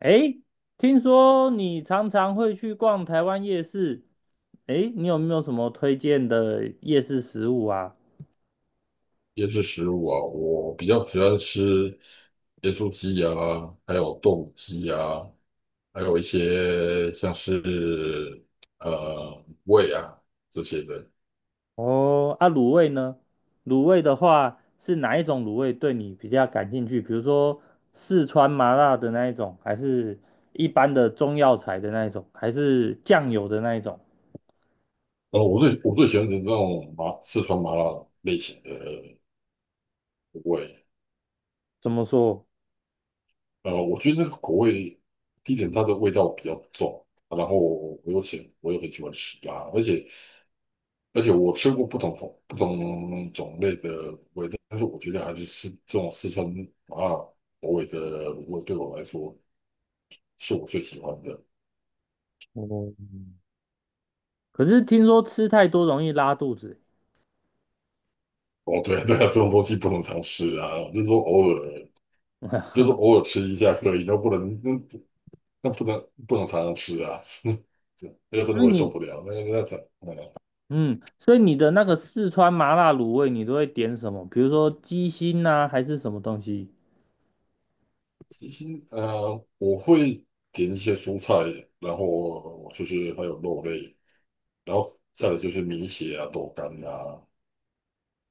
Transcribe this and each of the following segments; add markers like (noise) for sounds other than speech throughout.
诶，听说你常常会去逛台湾夜市，诶，你有没有什么推荐的夜市食物啊？椰子食物啊，我比较喜欢吃椰树鸡啊，还有豆鸡啊，还有一些像是胃啊这些的。哦，啊，卤味呢？卤味的话是哪一种卤味对你比较感兴趣？比如说四川麻辣的那一种，还是一般的中药材的那一种，还是酱油的那一种？然后我最喜欢的那种麻四川麻辣类型的口味，怎么说？我觉得那个口味，第一点它的味道比较重，然后我很喜欢吃辣，而且我吃过不同种类的味，但是我觉得还是吃这种四川麻辣口味的味，对我来说是我最喜欢的。哦，可是听说吃太多容易拉肚子，哦，对啊对啊，这种东西不能常吃啊，就是说偶尔，就是偶尔吃一下可以，那不能常常吃啊，(laughs) 那个真的所以会受不你了。那个那怎嗯，嗯，所以你的那个四川麻辣卤味，你都会点什么？比如说鸡心呐、还是什么东西？其实我会点一些蔬菜，然后就是还有肉类，然后再来就是米血啊、豆干啊。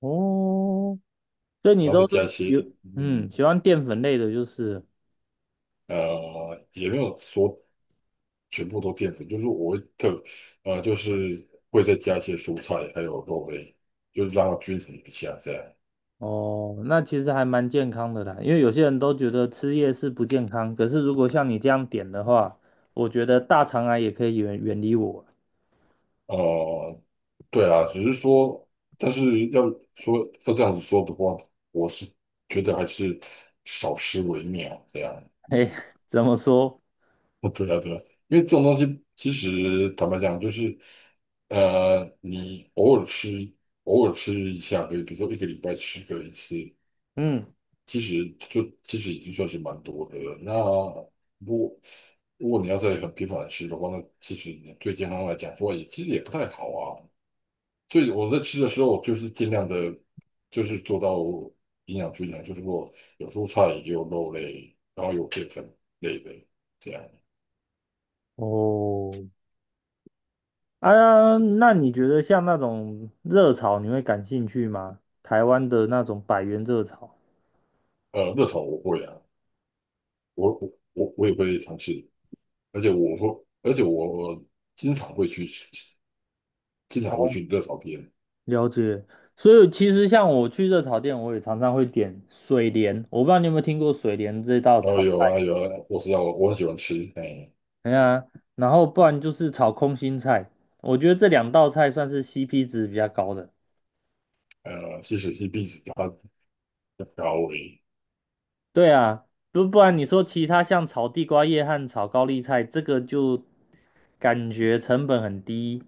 哦，所以你然后再都加是一有些，嗯嗯，喜欢淀粉类的，就是也没有说全部都淀粉，就是我会特，就是会再加一些蔬菜，还有肉类，就是让它均衡一下这样。哦，那其实还蛮健康的啦。因为有些人都觉得吃夜市不健康，可是如果像你这样点的话，我觉得大肠癌也可以远远离我。(laughs) 呃，对啊，只是说，但是要说要这样子说的话，我是觉得还是少吃为妙这样。嘿，嗯。 怎么说？(laughs) 对啊，对啊，因为这种东西其实坦白讲，就是你偶尔吃，偶尔吃一下可以，比如说一个礼拜吃个一次，嗯，其实已经算是蛮多的了。那如果如果你要再很频繁的吃的话，那其实你对健康来讲说也其实也不太好啊。所以我在吃的时候，就是尽量的，就是做到营养均衡，就是说有蔬菜，也有肉类，然后有淀粉类的这样。哦，啊，那你觉得像那种热炒，你会感兴趣吗？台湾的那种百元热炒热炒我会啊。我我我也会尝试，而且我经常会去吃，经常会哦，去热炒片。了解。所以其实像我去热炒店，我也常常会点水莲，我不知道你有没有听过水莲这道然后炒有啊菜。有啊，我知道我很喜欢吃，哎。哎呀，然后不然就是炒空心菜，我觉得这两道菜算是 CP 值比较高的。其实是必须它的高危，对啊，不然你说其他像炒地瓜叶和炒高丽菜，这个就感觉成本很低，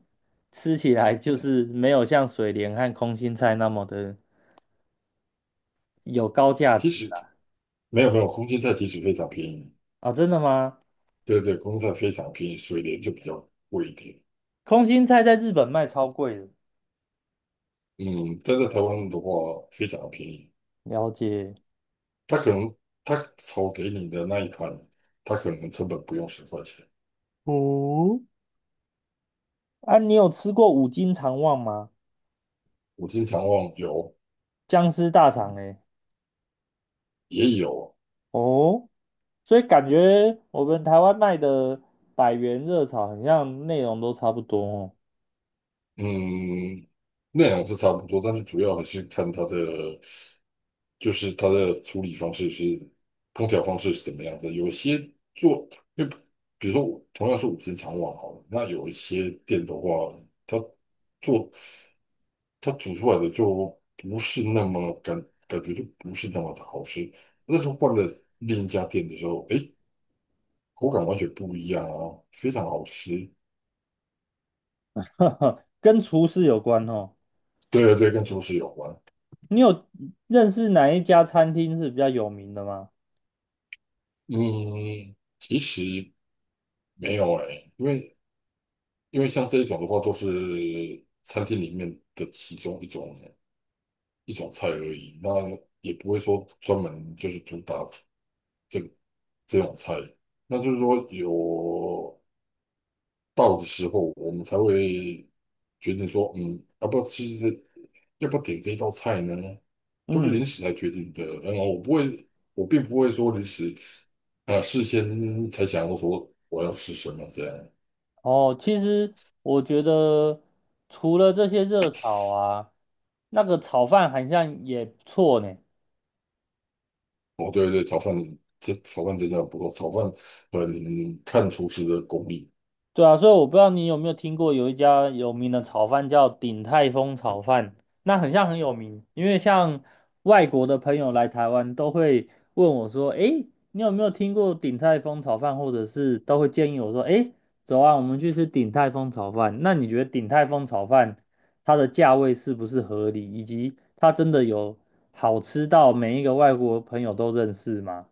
吃起来就是没有像水莲和空心菜那么的有高价其值实啦。没有没有，空心菜其实非常便宜，啊，哦真的吗？对对，空心菜非常便宜，水莲就比较贵一点，空心菜在日本卖超贵的，嗯，但在台湾的话非常便宜，了解。他可能他炒给你的那一盘，他可能成本不用10块钱，哦，啊，你有吃过五斤肠旺吗？我经常忘有僵尸大肠诶。也有。哦，所以感觉我们台湾卖的百元热炒，好像内容都差不多哦。嗯，内容是差不多，但是主要还是看它的，就是它的处理方式是烹调方式是怎么样的。有些做，因为比如说同样是五星肠旺好了，那有一些店的话，它做它煮出来的就不是那么感觉就不是那么的好吃。那时候换了另一家店的时候，诶，口感完全不一样啊，非常好吃。(laughs) 呵呵，跟厨师有关哦。对对，跟厨师有关。你有认识哪一家餐厅是比较有名的吗？嗯，其实。没有哎，因为像这一种的话，都是餐厅里面的其中一种一种菜而已，那也不会说专门就是主打这这种菜。那就是说有到的时候，我们才会决定说，嗯，要不要吃这，要不要点这道菜呢？都是嗯临时来决定的。然后我不会，我并不会说临时事先才想要说我要吃什么这样。哦，其实我觉得除了这些热炒啊，那个炒饭好像也不错呢。哦，对对，炒饭炒饭真的不错，炒饭很看厨师的功力。对啊，所以我不知道你有没有听过有一家有名的炒饭叫鼎泰丰炒饭，那很像很有名，因为像外国的朋友来台湾都会问我说，诶，你有没有听过鼎泰丰炒饭，或者是都会建议我说，诶，走啊，我们去吃鼎泰丰炒饭。那你觉得鼎泰丰炒饭它的价位是不是合理，以及它真的有好吃到每一个外国朋友都认识吗？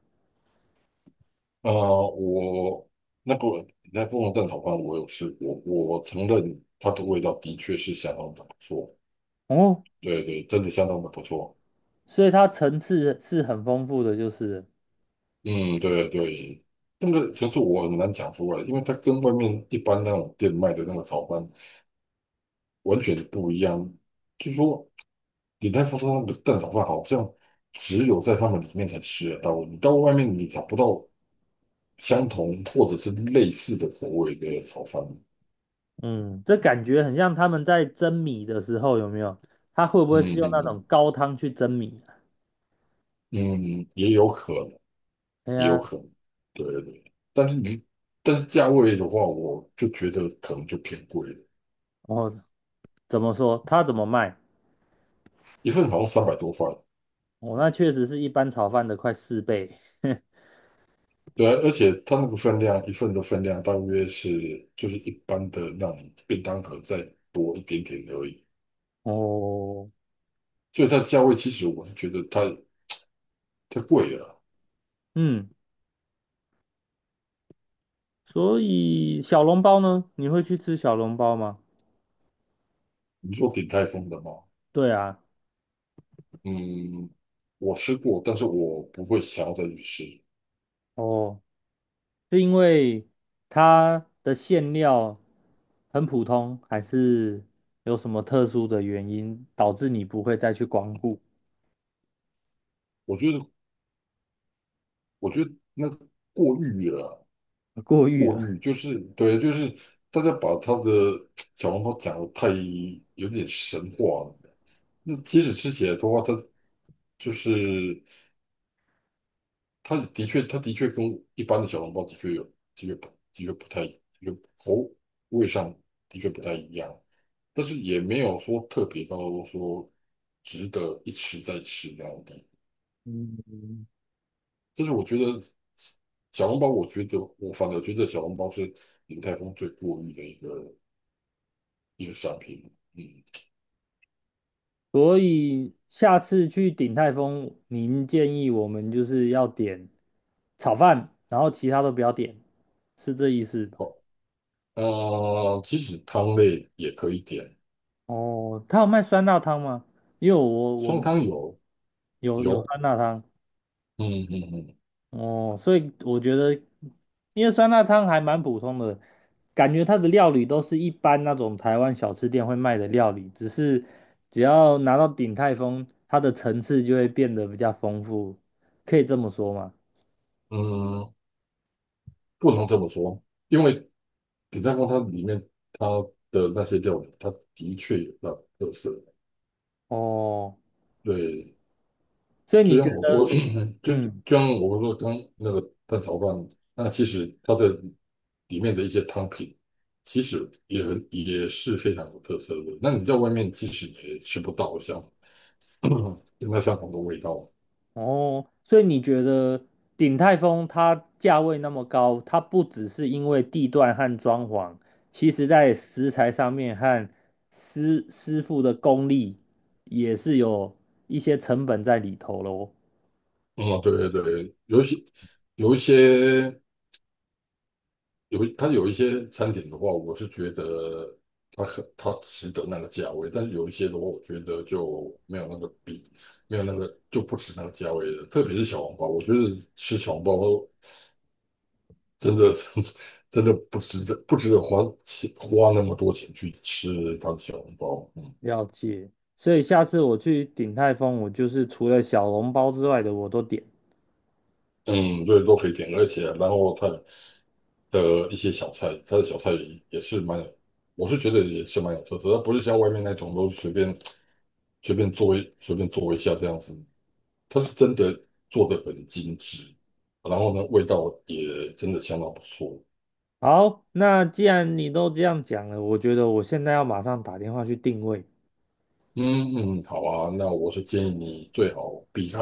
啊、我那个那不能蛋炒饭我有试过，我承认它的味道的确是相当的不错，哦，对对，真的相当的不错。所以它层次是很丰富的，就是了嗯，对对，这个其实我很难讲出来，因为它跟外面一般那种店卖的那个炒饭完全不一样。据说鼎泰丰盛那个蛋炒饭好像只有在他们里面才吃得到，你到外面你找不到相同或者是类似的口味的炒饭。嗯，这感觉很像他们在蒸米的时候，有没有？他会不会是嗯用嗯那种嗯高汤去蒸米啊？嗯也有可能，哎也有呀，可能。对对对但是你但是价位的话，我就觉得可能就偏贵了，哦，怎么说？他怎么卖？一份好像三百多块。哦，那确实是一般炒饭的快四倍。(laughs) 对啊，而且它那个分量，一份的分量大约是就是一般的那种便当盒再多一点点而已，哦，所以它价位其实我是觉得太贵了。嗯，所以小笼包呢？你会去吃小笼包吗？你说鼎泰丰的吗？对啊，嗯，我吃过，但是我不会想要再去吃。哦，是因为它的馅料很普通，还是有什么特殊的原因导致你不会再去光顾 我觉得，我觉得那个过誉了，(laughs) 过誉过了？誉就是对，就是大家把他的小笼包讲的太有点神话了。那即使吃起来的话，它就是它的确，它的确跟一般的小笼包的确口味上的确不太一样，但是也没有说特别到说值得一吃再吃那样的。嗯就是我觉得我觉得我反而觉得小笼包是鼎泰丰最过誉的一个商品。嗯，所以下次去鼎泰丰，您建议我们就是要点炒饭，然后其他都不要点，是这意思吧？好，其实汤类也可以点，哦，他有卖酸辣汤吗？因为我双我汤有有有有，酸辣汤嗯嗯哦，所以我觉得，因为酸辣汤还蛮普通的，感觉它的料理都是一般那种台湾小吃店会卖的料理，只是只要拿到鼎泰丰，它的层次就会变得比较丰富，可以这么说吗？嗯嗯，不能这么说，因为鼎泰丰它里面它的那些料理，它的确有那特色，哦，对，所以就你觉像我说，(coughs) 得，(clears throat) 就嗯，就像我说刚那个蛋炒饭，那其实它的里面的一些汤品，其实也很也是非常有特色的。那你在外面其实也吃不到像 (coughs) (clears throat) 那相同的味道。哦，所以你觉得鼎泰丰它价位那么高，它不只是因为地段和装潢，其实在食材上面和师傅的功力也是有一些成本在里头喽。嗯，对对对，有一些有一些。它有一些餐点的话，我是觉得它值得那个价位，但是有一些的话，我觉得就没有那个比没有那个就不值那个价位了。特别是小笼包，我觉得吃小笼包真的 (laughs) 真的不值得花花那么多钱去吃它的小笼包。嗯了解，所以下次我去鼎泰丰，我就是除了小笼包之外的我都点。嗯，对，都可以点，而且然后它的一些小菜，它的小菜也是蛮有，我是觉得也是蛮有特色，它不是像外面那种都随便。随便做一下这样子，它是真的做的很精致，然后呢，味道也真的相当不错。好，那既然你都这样讲了，我觉得我现在要马上打电话去定位。嗯嗯，嗯好啊，那我是建议你最好避开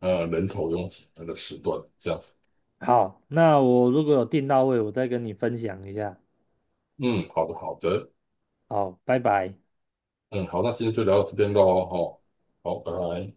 人潮拥挤那个时段，这样子。好，那我如果有订到位，我再跟你分享一下。嗯，好的好的，好，拜拜。嗯好，那今天就聊到这边喽，好，好，拜拜。